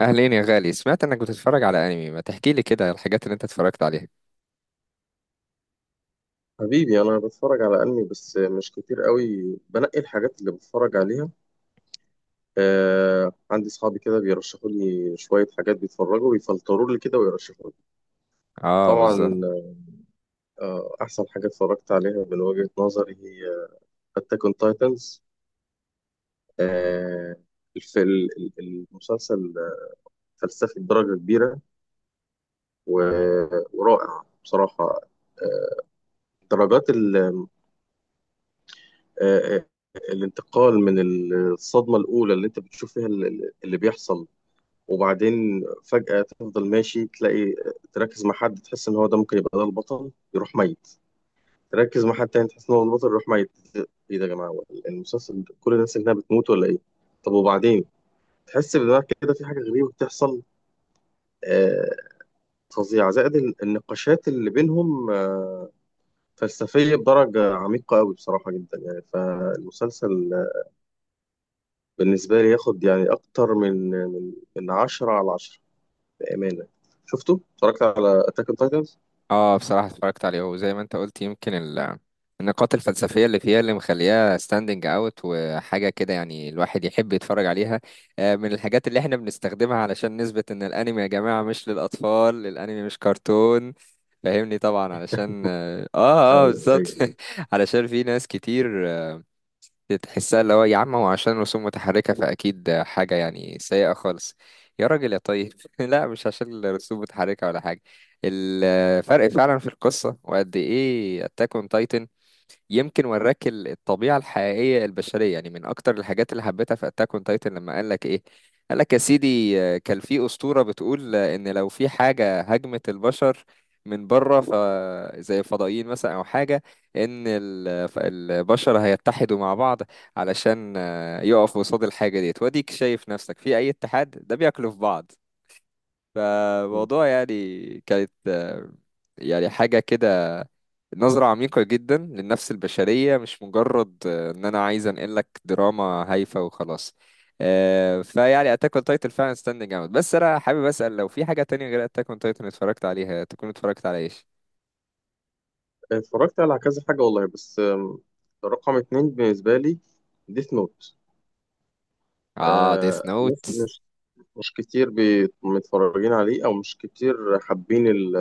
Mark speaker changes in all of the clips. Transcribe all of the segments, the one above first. Speaker 1: اهلين يا غالي، سمعت انك بتتفرج على انمي. ما تحكي لي كده الحاجات اللي انت اتفرجت عليها.
Speaker 2: حبيبي انا بتفرج على انمي بس مش كتير قوي. بنقي الحاجات اللي بتفرج عليها. آه، عندي اصحابي كده بيرشحوا لي شويه حاجات، بيتفرجوا بيفلتروا لي كده ويرشحوا لي.
Speaker 1: اه
Speaker 2: طبعا.
Speaker 1: بالظبط.
Speaker 2: آه، احسن حاجه اتفرجت عليها من وجهه نظري هي اتاك اون تايتنز. المسلسل فلسفي بدرجه كبيره ورائع بصراحه. آه، درجات آه، آه، الانتقال من الصدمة الأولى اللي أنت بتشوف فيها اللي بيحصل، وبعدين فجأة تفضل ماشي تلاقي، تركز مع حد تحس إن هو ده ممكن يبقى ده البطل، يروح ميت. تركز مع حد تاني تحس إن هو البطل، يروح ميت. إيه ده يا جماعة؟ هو المسلسل ده كل الناس اللي هنا بتموت ولا إيه؟ طب وبعدين تحس بدماغك كده في حاجة غريبة بتحصل، آه فظيعة. زائد النقاشات اللي بينهم فلسفية بدرجة عميقة أوي بصراحة جدا يعني. فالمسلسل بالنسبة لي ياخد يعني أكتر من عشرة على عشرة بأمانة. شفته؟ اتفرجت على أتاك أون تايتنز؟
Speaker 1: اه بصراحة اتفرجت عليه وزي ما انت قلت، يمكن النقاط الفلسفية اللي فيها اللي مخليها ستاندنج اوت وحاجة كده، يعني الواحد يحب يتفرج عليها. من الحاجات اللي احنا بنستخدمها علشان نثبت ان الانمي يا جماعة مش للاطفال، الانمي مش كرتون. فاهمني طبعا، علشان
Speaker 2: ايوه،
Speaker 1: بالظبط.
Speaker 2: ايوه.
Speaker 1: علشان في ناس كتير تحسها اللي هو يا عم هو عشان رسوم متحركة فأكيد حاجة يعني سيئة خالص. يا راجل يا طيب. لا، مش عشان الرسوم متحركة ولا حاجة. الفرق فعلا في القصة، وقد إيه أتاك أون تايتن يمكن وراك الطبيعة الحقيقية البشرية. يعني من أكتر الحاجات اللي حبيتها في أتاك أون تايتن، لما قال لك إيه؟ قال لك يا سيدي كان في أسطورة بتقول إن لو في حاجة هاجمت البشر من بره، ف زي الفضائيين مثلا أو حاجة، إن البشر هيتحدوا مع بعض علشان يقفوا قصاد الحاجة ديت. وأديك شايف نفسك في أي اتحاد ده بياكلوا في بعض. فموضوع يعني كانت يعني حاجة كده، نظرة عميقة جدا للنفس البشرية، مش مجرد إن أنا عايز أنقل لك دراما هايفة وخلاص. فيعني أتاك أون تايتن فعلا ستاندنج أوت. بس أنا حابب أسأل، لو في حاجة تانية غير أتاك أون تايتن اتفرجت عليها، تكون اتفرجت على إيش؟
Speaker 2: اتفرجت على كذا حاجه والله، بس رقم اتنين بالنسبه لي ديث نوت.
Speaker 1: آه،
Speaker 2: آه،
Speaker 1: ديث
Speaker 2: ناس
Speaker 1: نوت.
Speaker 2: مش كتير متفرجين عليه، او مش كتير حابين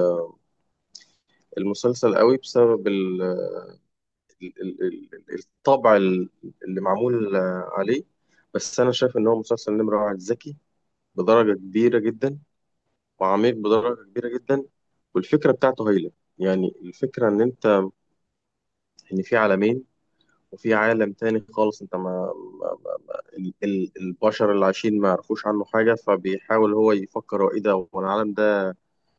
Speaker 2: المسلسل قوي بسبب ال- ال- الطبع اللي معمول عليه. بس انا شايف ان هو مسلسل نمره واحد ذكي بدرجه كبيره جدا، وعميق بدرجه كبيره جدا، والفكره بتاعته هايله. يعني الفكره ان انت، ان في عالمين، وفي عالم تاني خالص انت البشر اللي عايشين ما يعرفوش عنه حاجة. فبيحاول هو يفكر هو ايه ده، هو العالم ده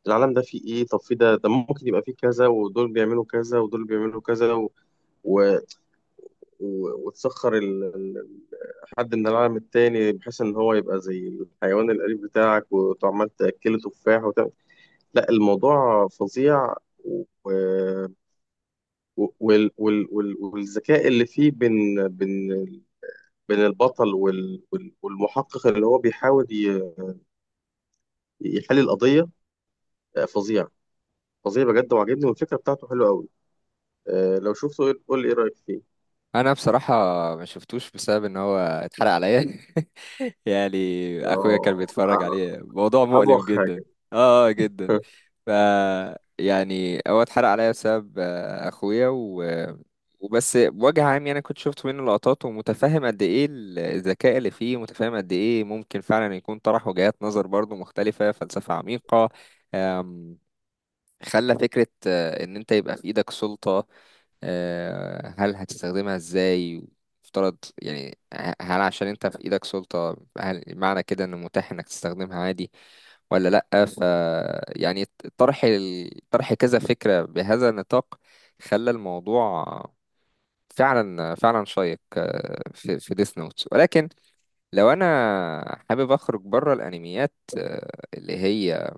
Speaker 2: العالم ده فيه ايه؟ طب في ده ده ممكن يبقى فيه كذا، ودول بيعملوا كذا، ودول بيعملوا كذا، و... و... و... وتسخر حد من العالم التاني بحيث ان هو يبقى زي الحيوان الأليف بتاعك، وعمال تأكله تفاح وتعمل. لا، الموضوع فظيع. و... و- والذكاء اللي فيه بين البطل والمحقق اللي هو بيحاول يحل القضية. آه، فظيع. فظيع بجد وعجبني، والفكرة بتاعته حلوة قوي. آه، لو شفته قول لي ايه رأيك فيه.
Speaker 1: أنا بصراحة ما شفتوش بسبب إن هو اتحرق عليا. يعني أخويا
Speaker 2: اه.
Speaker 1: كان بيتفرج
Speaker 2: أ-
Speaker 1: عليه، موضوع مؤلم
Speaker 2: أبوخ
Speaker 1: جدا.
Speaker 2: حاجة.
Speaker 1: جدا. ف يعني هو اتحرق عليا بسبب اخويا و... وبس بوجه عام يعني كنت شفت منه لقطات، ومتفهم قد ايه الذكاء اللي فيه، متفهم قد ايه ممكن فعلا يكون طرح وجهات نظر برضو مختلفة، فلسفة عميقة. آم، خلى فكرة ان انت يبقى في ايدك سلطة، هل هتستخدمها ازاي؟ افترض يعني هل عشان انت في ايدك سلطة، هل معنى كده ان متاح انك تستخدمها عادي ولا لأ؟ ف يعني طرح طرح كذا فكرة بهذا النطاق خلى الموضوع فعلا فعلا شيق في في ديس نوتس. ولكن لو انا حابب اخرج بره الانميات اللي هي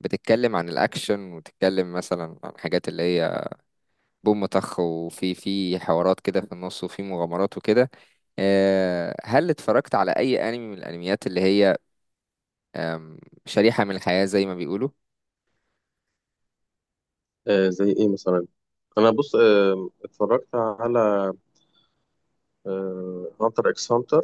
Speaker 1: بتتكلم عن الاكشن، وتتكلم مثلا عن حاجات اللي هي بوم طخ، وفي في حوارات كده في النص وفي مغامرات وكده، هل اتفرجت على اي انمي من الانميات اللي هي آم، شريحة من الحياة زي ما بيقولوا؟
Speaker 2: آه، زي ايه مثلا؟ انا بص، اتفرجت على هانتر اكس هانتر.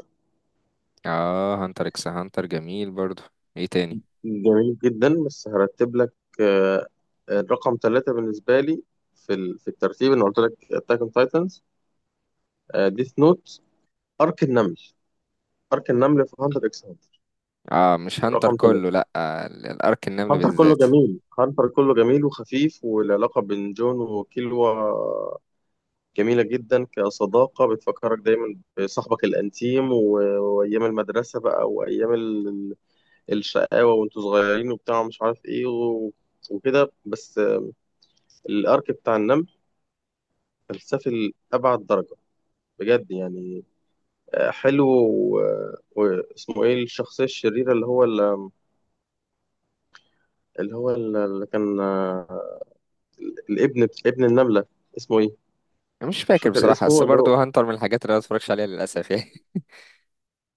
Speaker 1: اه، هانتر اكس هانتر جميل برضو. ايه تاني؟
Speaker 2: جميل جدا، بس هرتب لك. آه، الرقم ثلاثة بالنسبة لي في في الترتيب، انا قلت لك اتاك اون تايتنز، ديث نوت، ارك النمل. ارك النمل في هانتر اكس هانتر
Speaker 1: اه مش هانتر
Speaker 2: رقم
Speaker 1: كله،
Speaker 2: ثلاثة.
Speaker 1: لا، الارك النمل
Speaker 2: هانتر كله
Speaker 1: بالذات.
Speaker 2: جميل، هانتر كله جميل وخفيف، والعلاقة بين جون وكيلوا جميلة جدا كصداقة، بتفكرك دايما بصاحبك الأنتيم وأيام المدرسة بقى، وأيام الشقاوة وأنتوا صغيرين وبتاع مش عارف إيه وكده. بس الأرك بتاع النمل فلسفي لأبعد درجة بجد يعني. آه، حلو. واسمه ايه الشخصية الشريرة اللي هو اللي هو اللي كان الابن، ابن النملة، اسمه ايه؟
Speaker 1: مش
Speaker 2: مش
Speaker 1: فاكر
Speaker 2: فاكر
Speaker 1: بصراحة، بس
Speaker 2: اسمه اللي هو.
Speaker 1: برضو هانتر من الحاجات اللي انا متفرجش عليها للاسف يعني.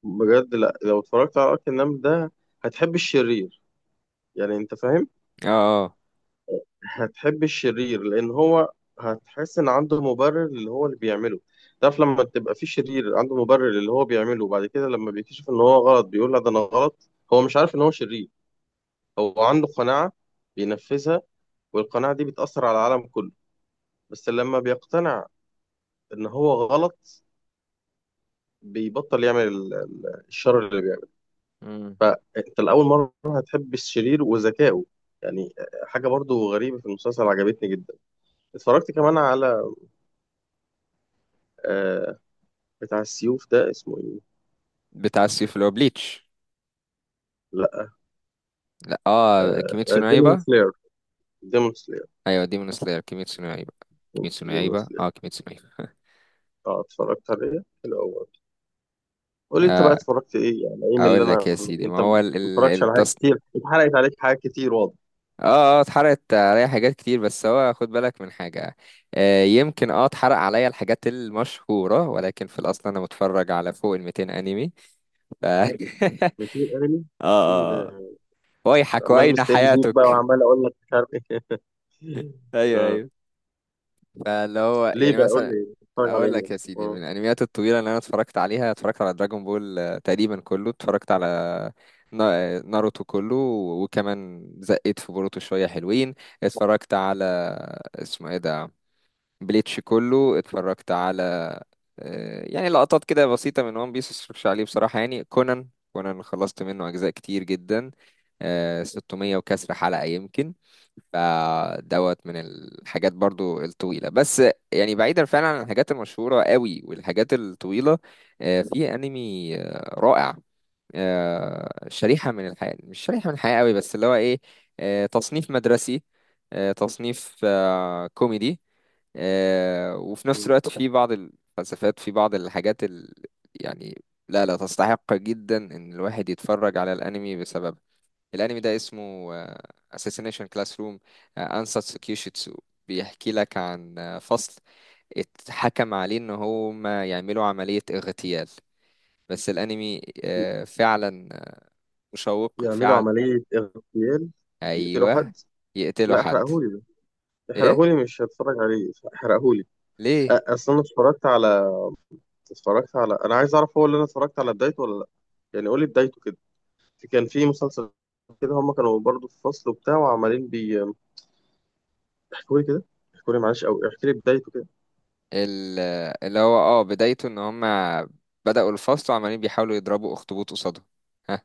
Speaker 2: بجد، لا، لو اتفرجت على ارك النمل ده هتحب الشرير. يعني انت فاهم.
Speaker 1: اه. اه.
Speaker 2: هتحب الشرير لان هو، هتحس ان عنده مبرر اللي هو اللي بيعمله. تعرف لما تبقى في شرير عنده مبرر اللي هو بيعمله، وبعد كده لما بيكتشف ان هو غلط بيقول لا ده انا غلط، هو مش عارف ان هو شرير. هو عنده قناعة بينفذها، والقناعة دي بتأثر على العالم كله. بس لما بيقتنع ان هو غلط، بيبطل يعمل الشر.
Speaker 1: مم.
Speaker 2: انت لاول مره هتحب الشرير وذكائه، يعني حاجه برضو غريبه في المسلسل عجبتني جدا. اتفرجت كمان على آه، بتاع السيوف ده اسمه ايه؟
Speaker 1: بتاع السيف اللي هو بليتش؟
Speaker 2: لا،
Speaker 1: لا. اه، كيميتسو نو
Speaker 2: ديمون
Speaker 1: يايبا.
Speaker 2: سلاير، ديمون سلاير،
Speaker 1: ايوه، ديمون سلاير، كيميتسو نو يايبا. كيميتسو نو
Speaker 2: ديمون
Speaker 1: يايبا،
Speaker 2: سلاير.
Speaker 1: اه كيميتسو نو يايبا.
Speaker 2: اه، اتفرجت عليه حلو قوي. قول لي انت بقى اتفرجت ايه يعني، ايه من اللي
Speaker 1: اقول لك
Speaker 2: انا
Speaker 1: يا
Speaker 2: من...
Speaker 1: سيدي، ما
Speaker 2: انت
Speaker 1: هو
Speaker 2: ما اتفرجتش على حاجات
Speaker 1: التص.
Speaker 2: كتير، اتحرقت عليك حاجات كتير واضح.
Speaker 1: اه، اه اتحرقت عليا حاجات كتير، بس هو خد بالك من حاجة. آه يمكن اه اتحرق عليا الحاجات المشهورة، ولكن في الأصل أنا متفرج على فوق ال 200 أنمي. ف... اه.
Speaker 2: كتير انمي، ايه
Speaker 1: اه.
Speaker 2: ده؟
Speaker 1: ويحك
Speaker 2: عمال
Speaker 1: وأين
Speaker 2: مستقل بيك بقى،
Speaker 1: حياتك.
Speaker 2: وعمال اقول لك مش عارف ايه.
Speaker 1: أيوه
Speaker 2: آه.
Speaker 1: أيوه. فاللي هو
Speaker 2: ليه
Speaker 1: يعني
Speaker 2: بقى؟ قول
Speaker 1: مثلا،
Speaker 2: لي اتفرج على
Speaker 1: اقول
Speaker 2: ايه.
Speaker 1: لك يا سيدي، من
Speaker 2: آه.
Speaker 1: الانميات الطويله اللي انا اتفرجت عليها اتفرجت على دراجون بول تقريبا كله، اتفرجت على ناروتو كله، وكمان زقيت في بوروتو شويه حلوين. اتفرجت على اسمه ايه ده، بليتش كله. اتفرجت على يعني لقطات كده بسيطه من وان بيس، مش عليه بصراحه يعني. كونان، كونان خلصت منه اجزاء كتير جدا، 600 وكسر حلقه يمكن، فدوت من الحاجات برضو الطويلة. بس يعني بعيدا فعلا عن الحاجات المشهورة قوي والحاجات الطويلة، في انمي رائع، شريحة من الحياة، مش شريحة من الحياة قوي، بس اللي هو ايه، تصنيف مدرسي، تصنيف كوميدي، وفي نفس الوقت في بعض الفلسفات، في بعض الحاجات ال... يعني لا لا تستحق جدا ان الواحد يتفرج على الانمي بسببها. الانمي ده اسمه Assassination Classroom، Ansatsu Kyushitsu. بيحكي لك عن فصل اتحكم عليه ان هم يعملوا عملية اغتيال. بس الانمي فعلا مشوق
Speaker 2: يعملوا
Speaker 1: فعلا.
Speaker 2: عملية اغتيال؟ يقتلوا
Speaker 1: ايوه.
Speaker 2: حد؟
Speaker 1: يقتلوا
Speaker 2: لا،
Speaker 1: حد.
Speaker 2: احرقهولي ده،
Speaker 1: ايه؟
Speaker 2: احرقهولي، مش هتفرج عليه، احرقهولي.
Speaker 1: ليه؟
Speaker 2: اصل انا اتفرجت على، اتفرجت على، انا عايز اعرف هو اللي انا اتفرجت على بدايته ولا لا. يعني قولي بدايته كده. كان في مسلسل كده هم كانوا برضو في فصل وبتاع وعمالين بي، احكولي كده، احكولي معلش، او احكي لي بدايته كده.
Speaker 1: ال- اللي هو اه بدايته ان هم بدأوا الفصل وعمالين بيحاولوا يضربوا اخطبوط قصادهم. ها؟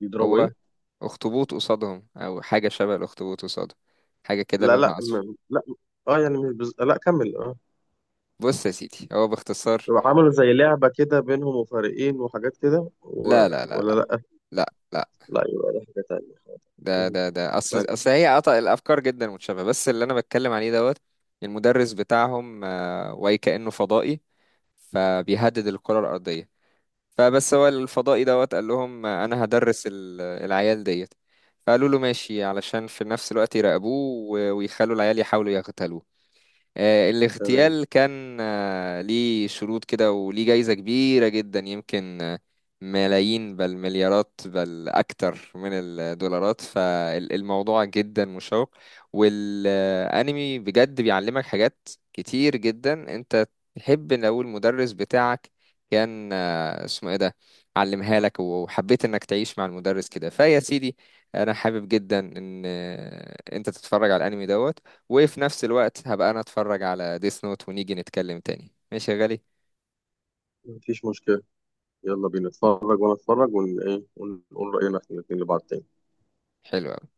Speaker 2: بيضربوا
Speaker 1: هو
Speaker 2: ايه؟
Speaker 1: اخطبوط قصادهم او حاجة شبه الاخطبوط قصادهم، حاجة كده
Speaker 2: لا لا
Speaker 1: لونها اصفر.
Speaker 2: لا. اه يعني مش لا كمل. اه،
Speaker 1: بص يا سيدي هو باختصار.
Speaker 2: عملوا زي لعبة كده بينهم وفريقين وحاجات كده و...
Speaker 1: لا لا لا
Speaker 2: ولا
Speaker 1: لا.
Speaker 2: لا؟
Speaker 1: لا لا.
Speaker 2: لا، يبقى ده حاجة تانية.
Speaker 1: ده
Speaker 2: مم.
Speaker 1: ده ده اصل
Speaker 2: طيب.
Speaker 1: اصل هي قطع الافكار جدا متشابهه، بس اللي انا بتكلم عليه دوت، المدرس بتاعهم واي كانه فضائي، فبيهدد الكره الارضيه. فبس هو الفضائي دوت قال لهم انا هدرس العيال ديت. فقالوا له ماشي، علشان في نفس الوقت يراقبوه ويخلوا العيال يحاولوا يغتالوه.
Speaker 2: تمام.
Speaker 1: الاغتيال كان ليه شروط كده وليه جايزة كبيرة جدا يمكن ملايين بل مليارات بل أكتر من الدولارات. فالموضوع جدا مشوق. والأنمي بجد بيعلمك حاجات كتير جدا. أنت تحب لو المدرس بتاعك كان اسمه ايه ده، علمها لك وحبيت انك تعيش مع المدرس كده. فيا سيدي انا حابب جدا ان انت تتفرج على الانمي دوت، وفي نفس الوقت هبقى انا اتفرج على ديس نوت، ونيجي نتكلم تاني ماشي يا غالي.
Speaker 2: مفيش مشكلة. يلا بينا نتفرج، وأنا أتفرج ون إيه ونقول رأينا إحنا الاتنين لبعض تاني.
Speaker 1: حلو أوي.